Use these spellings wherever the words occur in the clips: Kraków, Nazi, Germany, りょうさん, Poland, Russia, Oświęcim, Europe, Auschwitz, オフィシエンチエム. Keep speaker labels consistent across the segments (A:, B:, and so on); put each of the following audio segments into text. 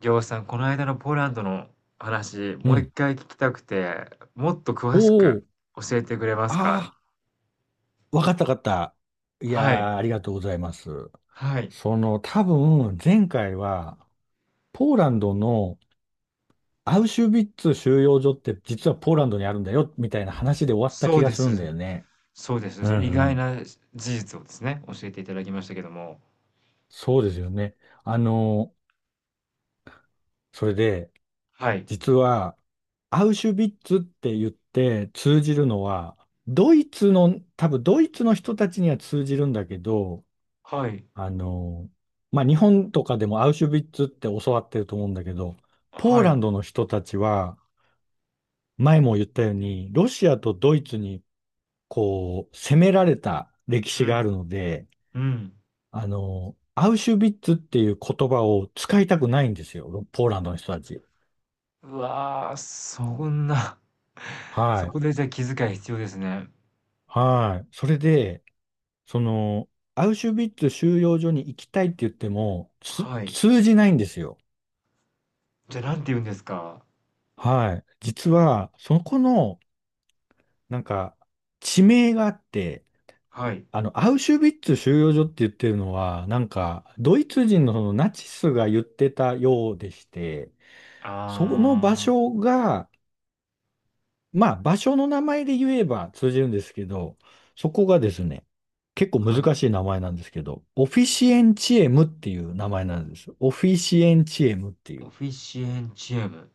A: りょうさん、この間のポーランドの話、
B: う
A: もう
B: ん。
A: 一回聞きたくて、もっと詳
B: お
A: しく
B: お、
A: 教えてくれますか。
B: ああ、わかったわかった。い
A: はい、
B: やー、ありがとうございます。
A: はい、
B: その、多分、前回は、ポーランドのアウシュビッツ収容所って実はポーランドにあるんだよ、みたいな話で終わった
A: そ
B: 気
A: う
B: が
A: で
B: するん
A: す、
B: だよね。
A: そうです。
B: うん
A: その意
B: う
A: 外
B: ん。
A: な事実をですね、教えていただきましたけども。
B: そうですよね。あの、それで、
A: はい、
B: 実は、アウシュビッツって言って通じるのは、ドイツの、多分ドイツの人たちには通じるんだけど、
A: はい、
B: あの、まあ、日本とかでもアウシュビッツって教わってると思うんだけど、ポー
A: は
B: ラン
A: い、
B: ドの人たちは、前も言ったように、ロシアとドイツに、こう、攻められた歴
A: う
B: 史があ
A: ん、
B: るので、
A: うん。
B: アウシュビッツっていう言葉を使いたくないんですよ、ポーランドの人たち。
A: うわあ、そんな、そ
B: はい。
A: こでじゃあ気遣い必要ですね。
B: はい。それで、その、アウシュビッツ収容所に行きたいって言っても、
A: はい。
B: 通じないんですよ。
A: じゃあ、なんて言うんですか。
B: はい。実は、そこのなんか、地名があって、
A: はい。
B: アウシュビッツ収容所って言ってるのは、なんか、ドイツ人のそのナチスが言ってたようでして、その場
A: あ
B: 所が、まあ、場所の名前で言えば通じるんですけど、そこがですね、結構
A: ー、はい。
B: 難しい名前なんですけど、オフィシエンチエムっていう名前なんです。オフィシエンチエムってい
A: オ
B: う。
A: フィシエンチエム。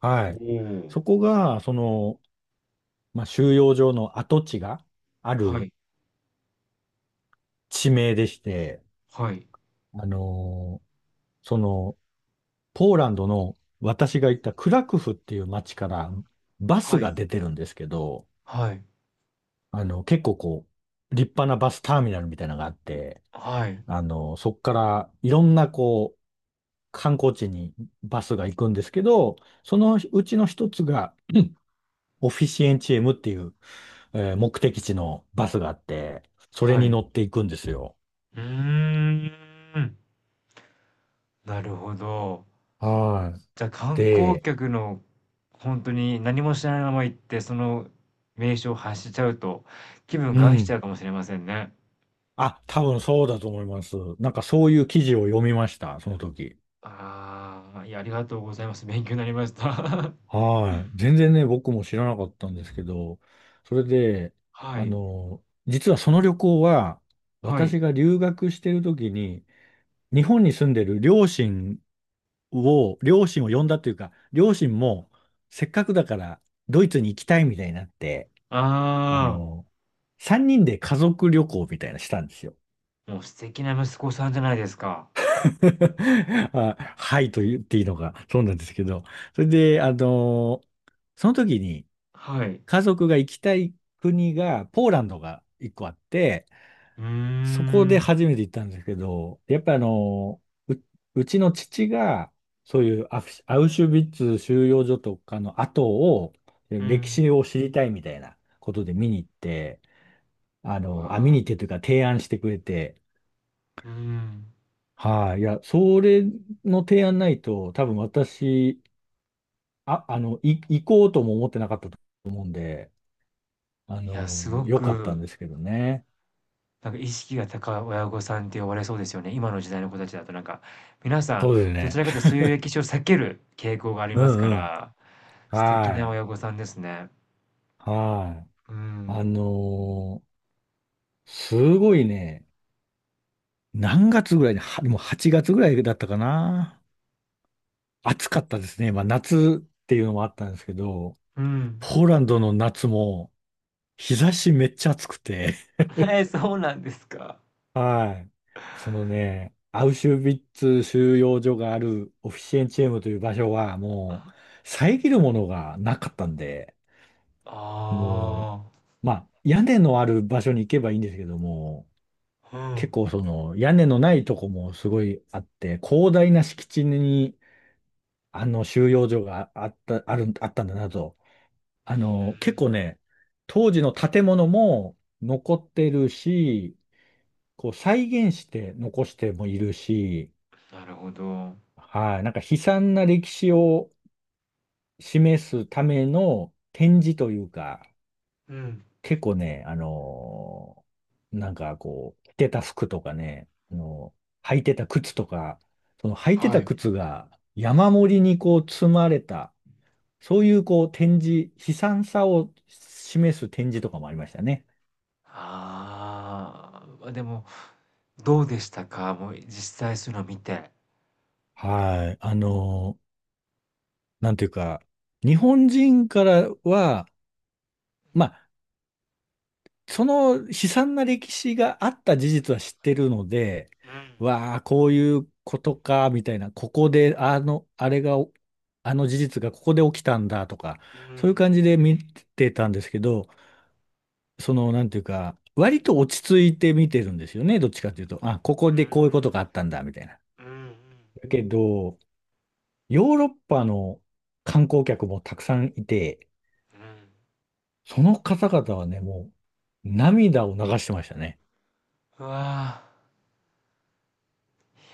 B: は
A: お
B: い。そ
A: お。
B: こが、その、まあ、収容所の跡地があ
A: は
B: る
A: い。
B: 地名でして、
A: はい。
B: あのーその、ポーランドの私が行ったクラクフっていう街からバス
A: はい。
B: が出てるんですけど、
A: はい。
B: あの、結構こう、立派なバスターミナルみたいなのがあって、
A: はい。
B: そこからいろんなこう、観光地にバスが行くんですけど、そのうちの一つがオフィシエンチエムっていう、目的地のバスがあって、それ
A: は
B: に
A: い。
B: 乗っていくんですよ。
A: うーん。なるほど。
B: はい。
A: じゃ、観光
B: で、
A: 客の本当に何も知らないまま行って、その名所を発しちゃうと、気分
B: う
A: 害しちゃ
B: ん。
A: うかもしれませんね。
B: あ、多分そうだと思います。なんかそういう記事を読みました、その時。
A: ああ、いや、ありがとうございます。勉強になりました。
B: はい。全然ね、僕も知らなかったんですけど、それで、
A: はい。
B: 実はその旅行は、
A: は
B: 私
A: い。
B: が留学してる時に、日本に住んでる両親を呼んだというか、両親も、せっかくだからドイツに行きたいみたいになって、あ
A: あ
B: の、3人で家族旅行みたいなのしたんですよ。
A: あ、もう素敵な息子さんじゃないですか。
B: あ、はいと言っていいのか、そうなんですけど、それで、あのその時に
A: はい。
B: 家族が行きたい国が、ポーランドが一個あって、
A: うー
B: そこで
A: ん。
B: 初めて行ったんですけど、やっぱう、うちの父が、そういうアウシュビッツ収容所とかの後を、
A: う
B: 歴
A: ん。
B: 史を知りたいみたいなことで見に行って、あ
A: う
B: の、あ、見
A: わあ、
B: に行ってというか提案してくれて、
A: うーん。
B: はい、いや、それの提案ないと、多分私、行こうとも思ってなかったと思うんで、あ
A: いや、す
B: の、
A: ご
B: 良かったん
A: く
B: ですけどね。
A: なんか意識が高い親御さんって呼ばれそうですよね。今の時代の子たちだとなんか、皆さん、
B: そうです
A: どち
B: ね。
A: らかというとそういう歴史を避ける傾向があり
B: う
A: ますか
B: んうん。
A: ら、素敵な
B: はい。
A: 親御さんですね。
B: はい。
A: う
B: あ
A: ん。
B: のーすごいね、何月ぐらいに、はもう8月ぐらいだったかな。暑かったですね。まあ夏っていうのもあったんですけど、
A: うん。
B: ポーランドの夏も日差しめっちゃ暑くて、
A: えー、そうなんですか。
B: はい。そのね、アウシュビッツ収容所があるオフィシエンチェームという場所はもう遮るものがなかったんで、
A: あ
B: もう、まあ屋根のある場所に行けばいいんですけども、
A: あ、う
B: 結
A: ん。
B: 構その屋根のないとこもすごいあって、広大な敷地にあの収容所があった、ある、あったんだなと。結構ね、当時の建物も残ってるし、こう再現して残してもいるし、
A: なるほど。
B: はい、なんか悲惨な歴史を示すための展示というか、
A: うん。
B: 結構ね、なんかこう、着てた服とかね、あの履いてた靴とか、その履いて
A: は
B: た
A: い。
B: 靴が山盛りにこう積まれた、そういうこう展示、悲惨さを示す展示とかもありましたね。
A: あーあ、ま、でも、どうでしたか？もう実際そういうの見て。
B: はい、なんていうか、日本人からは、まあその悲惨な歴史があった事実は知ってるので、
A: うん。
B: わあ、こういうことか、みたいな、ここで、あの、あれが、あの事実がここで起きたんだとか、
A: う
B: そういう
A: ん。
B: 感じで見てたんですけど、その、なんていうか、割と落ち着いて見てるんですよね、どっちかというと。あ、こ
A: うー
B: こでこういうことがあ
A: ん。
B: ったんだ、みたいな。
A: うんうんう
B: だけど、ヨーロッパの観光客もたくさんいて、
A: んうん。
B: その方々はね、もう、涙を流してましたね。
A: うわあ。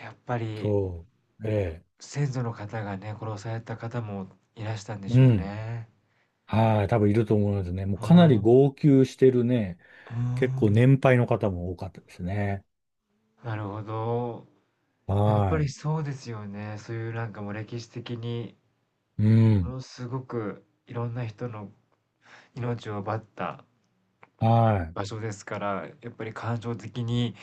A: やっぱり
B: そう。ええ
A: 先祖の方がね、殺された方もいらしたんでし
B: う
A: ょう
B: ん。
A: ね。
B: はい。多分いると思いますね。もう
A: うー
B: かな
A: ん、
B: り
A: う
B: 号泣してるね。
A: ー
B: 結構
A: ん、
B: 年配の方も多かったですね。
A: なるほど。やっぱ
B: は
A: り
B: い。
A: そうですよね。そういうなんかもう歴史的に
B: う
A: も
B: ん。
A: のすごくいろんな人の命を奪った
B: はい。
A: 場所ですから、やっぱり感情的に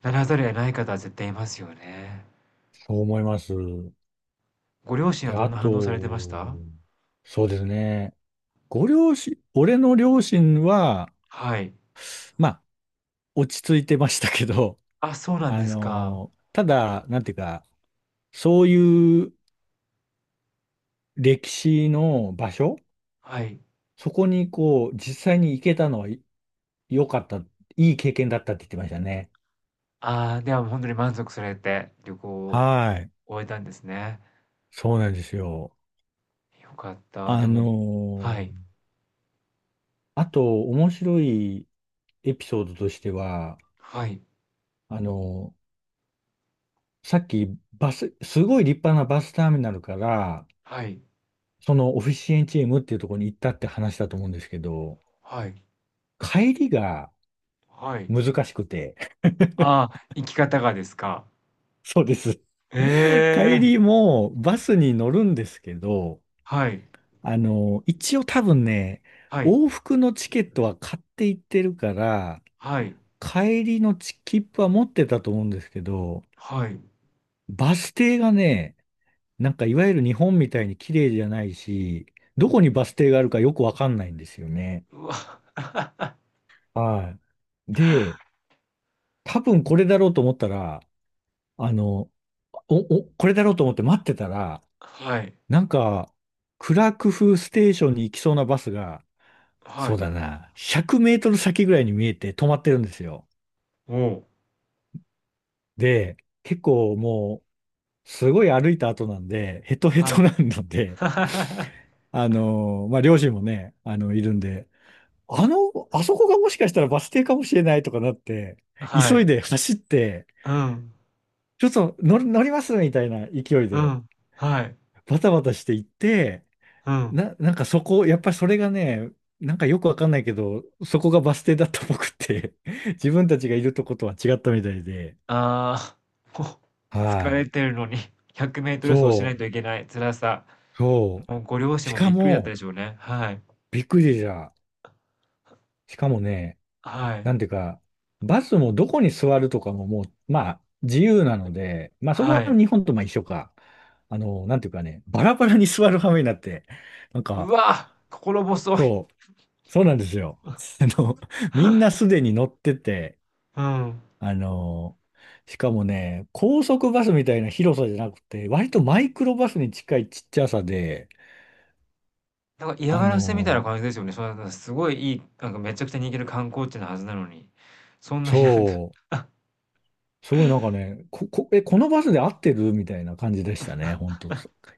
A: ならざるを得ない方は絶対いますよね。
B: そう思います。
A: ご両親は
B: で、
A: どん
B: あ
A: な反応されてまし
B: と、
A: た？
B: そうですね。ご両親、俺の両親は、
A: はい。
B: まあ、落ち着いてましたけど、
A: あ、そう なん
B: あ
A: ですか。
B: の、ただ、なんていうか、そういう歴史の場所、
A: はい。
B: そこにこう、実際に行けたのは良かった、いい経験だったって言ってましたね。
A: ああ、ではもうほんとに満足されて、旅行
B: はい。
A: 終えたんですね。
B: そうなんですよ。
A: よかった。で
B: あの
A: もはい、
B: ーあと、面白いエピソードとしては、
A: はい、
B: あのさっき、バス、すごい立派なバスターミナルから、
A: はい、
B: そのオフィシエンチームっていうところに行ったって話だと思うんですけど、
A: はい、
B: 帰りが
A: はい。
B: 難しくて、
A: ああ、生き方がですか。
B: そうです。
A: え
B: 帰
A: え、
B: りもバスに乗るんですけど、
A: はい、
B: 一応多分ね、
A: はい、
B: 往復のチケットは買っていってるから、
A: はい、
B: 帰りの切符は持ってたと思うんですけど、
A: はい。
B: バス停がね、なんかいわゆる日本みたいに綺麗じゃないし、どこにバス停があるかよくわかんないんですよね。
A: うわ、
B: はい。で、多分これだろうと思ったら、あの、お、これだろうと思って待ってたら、
A: はい、
B: なんか、クラクフステーションに行きそうなバスが、
A: は
B: そう
A: い、
B: だな、100メートル先ぐらいに見えて止まってるんですよ。
A: おう
B: で、結構もう、すごい歩いた後なんで、ヘトヘ
A: はい。
B: トなんので、まあ、両親もね、あの、いるんで、あの、あそこがもしかしたらバス停かもしれないとかなって、
A: は
B: 急
A: い、
B: いで走って、
A: うん、
B: ちょっと乗りますみたいな勢い
A: う
B: で、
A: ん、はい、
B: バタバタして行って、
A: うん。
B: なんかそこ、やっぱりそれがね、なんかよくわかんないけど、そこがバス停だったっぽくって、自分たちがいるとことは違ったみたいで、
A: ああ、こう、
B: は
A: 疲れ
B: い。
A: てるのに 100m 走しない
B: そ
A: といけない辛さ。
B: う、そ
A: もうご両
B: う。
A: 親
B: し
A: もび
B: か
A: っくりだった
B: も、
A: でしょうね。はい、
B: びっくりじゃ。しかもね、
A: はい、
B: なんていうか、バスもどこに座るとかももう、まあ、自由なので、まあそこ
A: は
B: は
A: い。
B: 日本とまあ一緒か。あの、なんていうかね、バラバラに座る羽目になって、なん
A: う
B: か、
A: わ、心細い。
B: そう、そうなんですよ。あの、みんなすでに乗ってて、
A: うん。
B: あの、しかもね、高速バスみたいな広さじゃなくて、割とマイクロバスに近いちっちゃさで、
A: なんか嫌
B: あ
A: がらせみたいな
B: の、
A: 感じですよね。そんな、すごいいい、なんかめちゃくちゃ人気の観光地なはずなのに、そんなになんか
B: そう。すごいなんかね、このバスで合ってるみたいな感じでしたね、本当。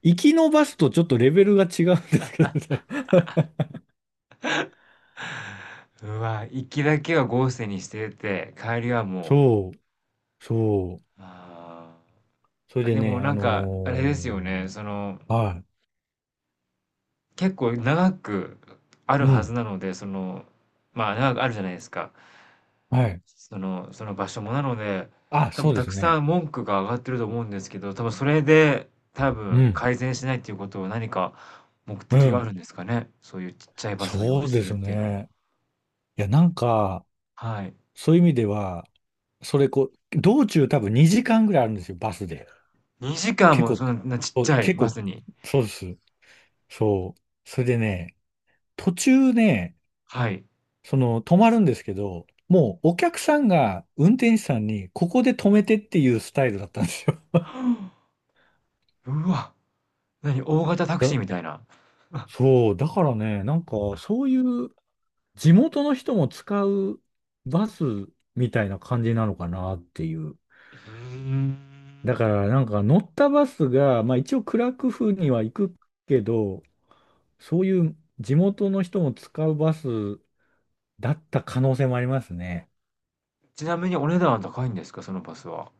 B: 行きのバスとちょっとレベルが違うんですけどね。
A: うわ、行きだけは豪勢にしてて、帰りはも
B: そう、そう。
A: う、あ
B: それ
A: あ、
B: で
A: でも
B: ね、
A: なんか、あれですよね、その、
B: は
A: 結構長くあ
B: い、
A: る
B: う
A: はず
B: ん、
A: なので、その、まあ長くあるじゃないですか。
B: はい。
A: その、その場所も。なので、
B: あ、
A: 多分
B: そうで
A: た
B: す
A: くさ
B: ね。
A: ん文句が上がってると思うんですけど、多分それで、多
B: う
A: 分
B: ん、
A: 改善しないっていうことは何か目
B: う
A: 的があ
B: ん。
A: るんですかね。そういうちっちゃいバスを用意
B: そうで
A: するっ
B: す
A: ていうのは。
B: ね。いや、なんか、
A: はい。
B: そういう意味では、それこう、道中多分2時間ぐらいあるんですよ、バスで。
A: 2時間
B: 結
A: も
B: 構、
A: そんなちっち
B: お
A: ゃい
B: 結
A: バ
B: 構、
A: スに。
B: そうです。そう。それでね、途中ね、
A: はい。
B: その、止まるんですけど、もうお客さんが運転手さんに、ここで止めてっていうスタイルだったんですよ。
A: うわ、何、大型タ クシー
B: だ、
A: みたいな。あ
B: そう、だからね、なんか、そういう地元の人も使うバスみたいな感じなのかなっていう。
A: うーん。
B: だから、なんか乗ったバスが、まあ一応クラクフには行くけど、そういう地元の人も使うバスだった可能性もありますね。
A: ちなみにお値段は高いんですか、そのバスは。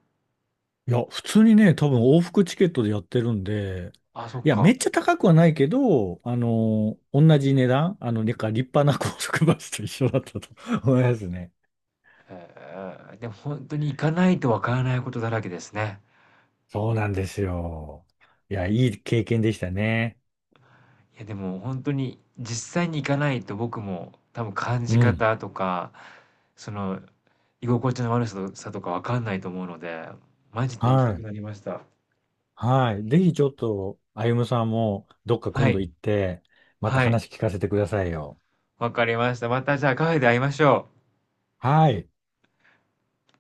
B: いや、普通にね、多分往復チケットでやってるんで、
A: あ、そっ
B: いや、め
A: か。
B: っちゃ高くはないけど、あの、同じ値段、あの、なんか立派な 高速バスと一緒だったと 思いますね。
A: へえ、でも本当に行かないとわからないことだらけですね。
B: そうなんですよ。いや、いい経験でしたね。
A: いやでも本当に実際に行かないと僕も多分感
B: う
A: じ
B: ん。
A: 方とか、その居心地の悪ささとかわかんないと思うので、マジで行きた
B: は
A: く
B: い。
A: なりました。
B: はい。ぜひちょっと、歩夢さんもどっか
A: は
B: 今度
A: い、
B: 行って、また
A: はい、
B: 話聞かせてくださいよ。
A: わかりました。またじゃあカフェで会いましょう。
B: はい。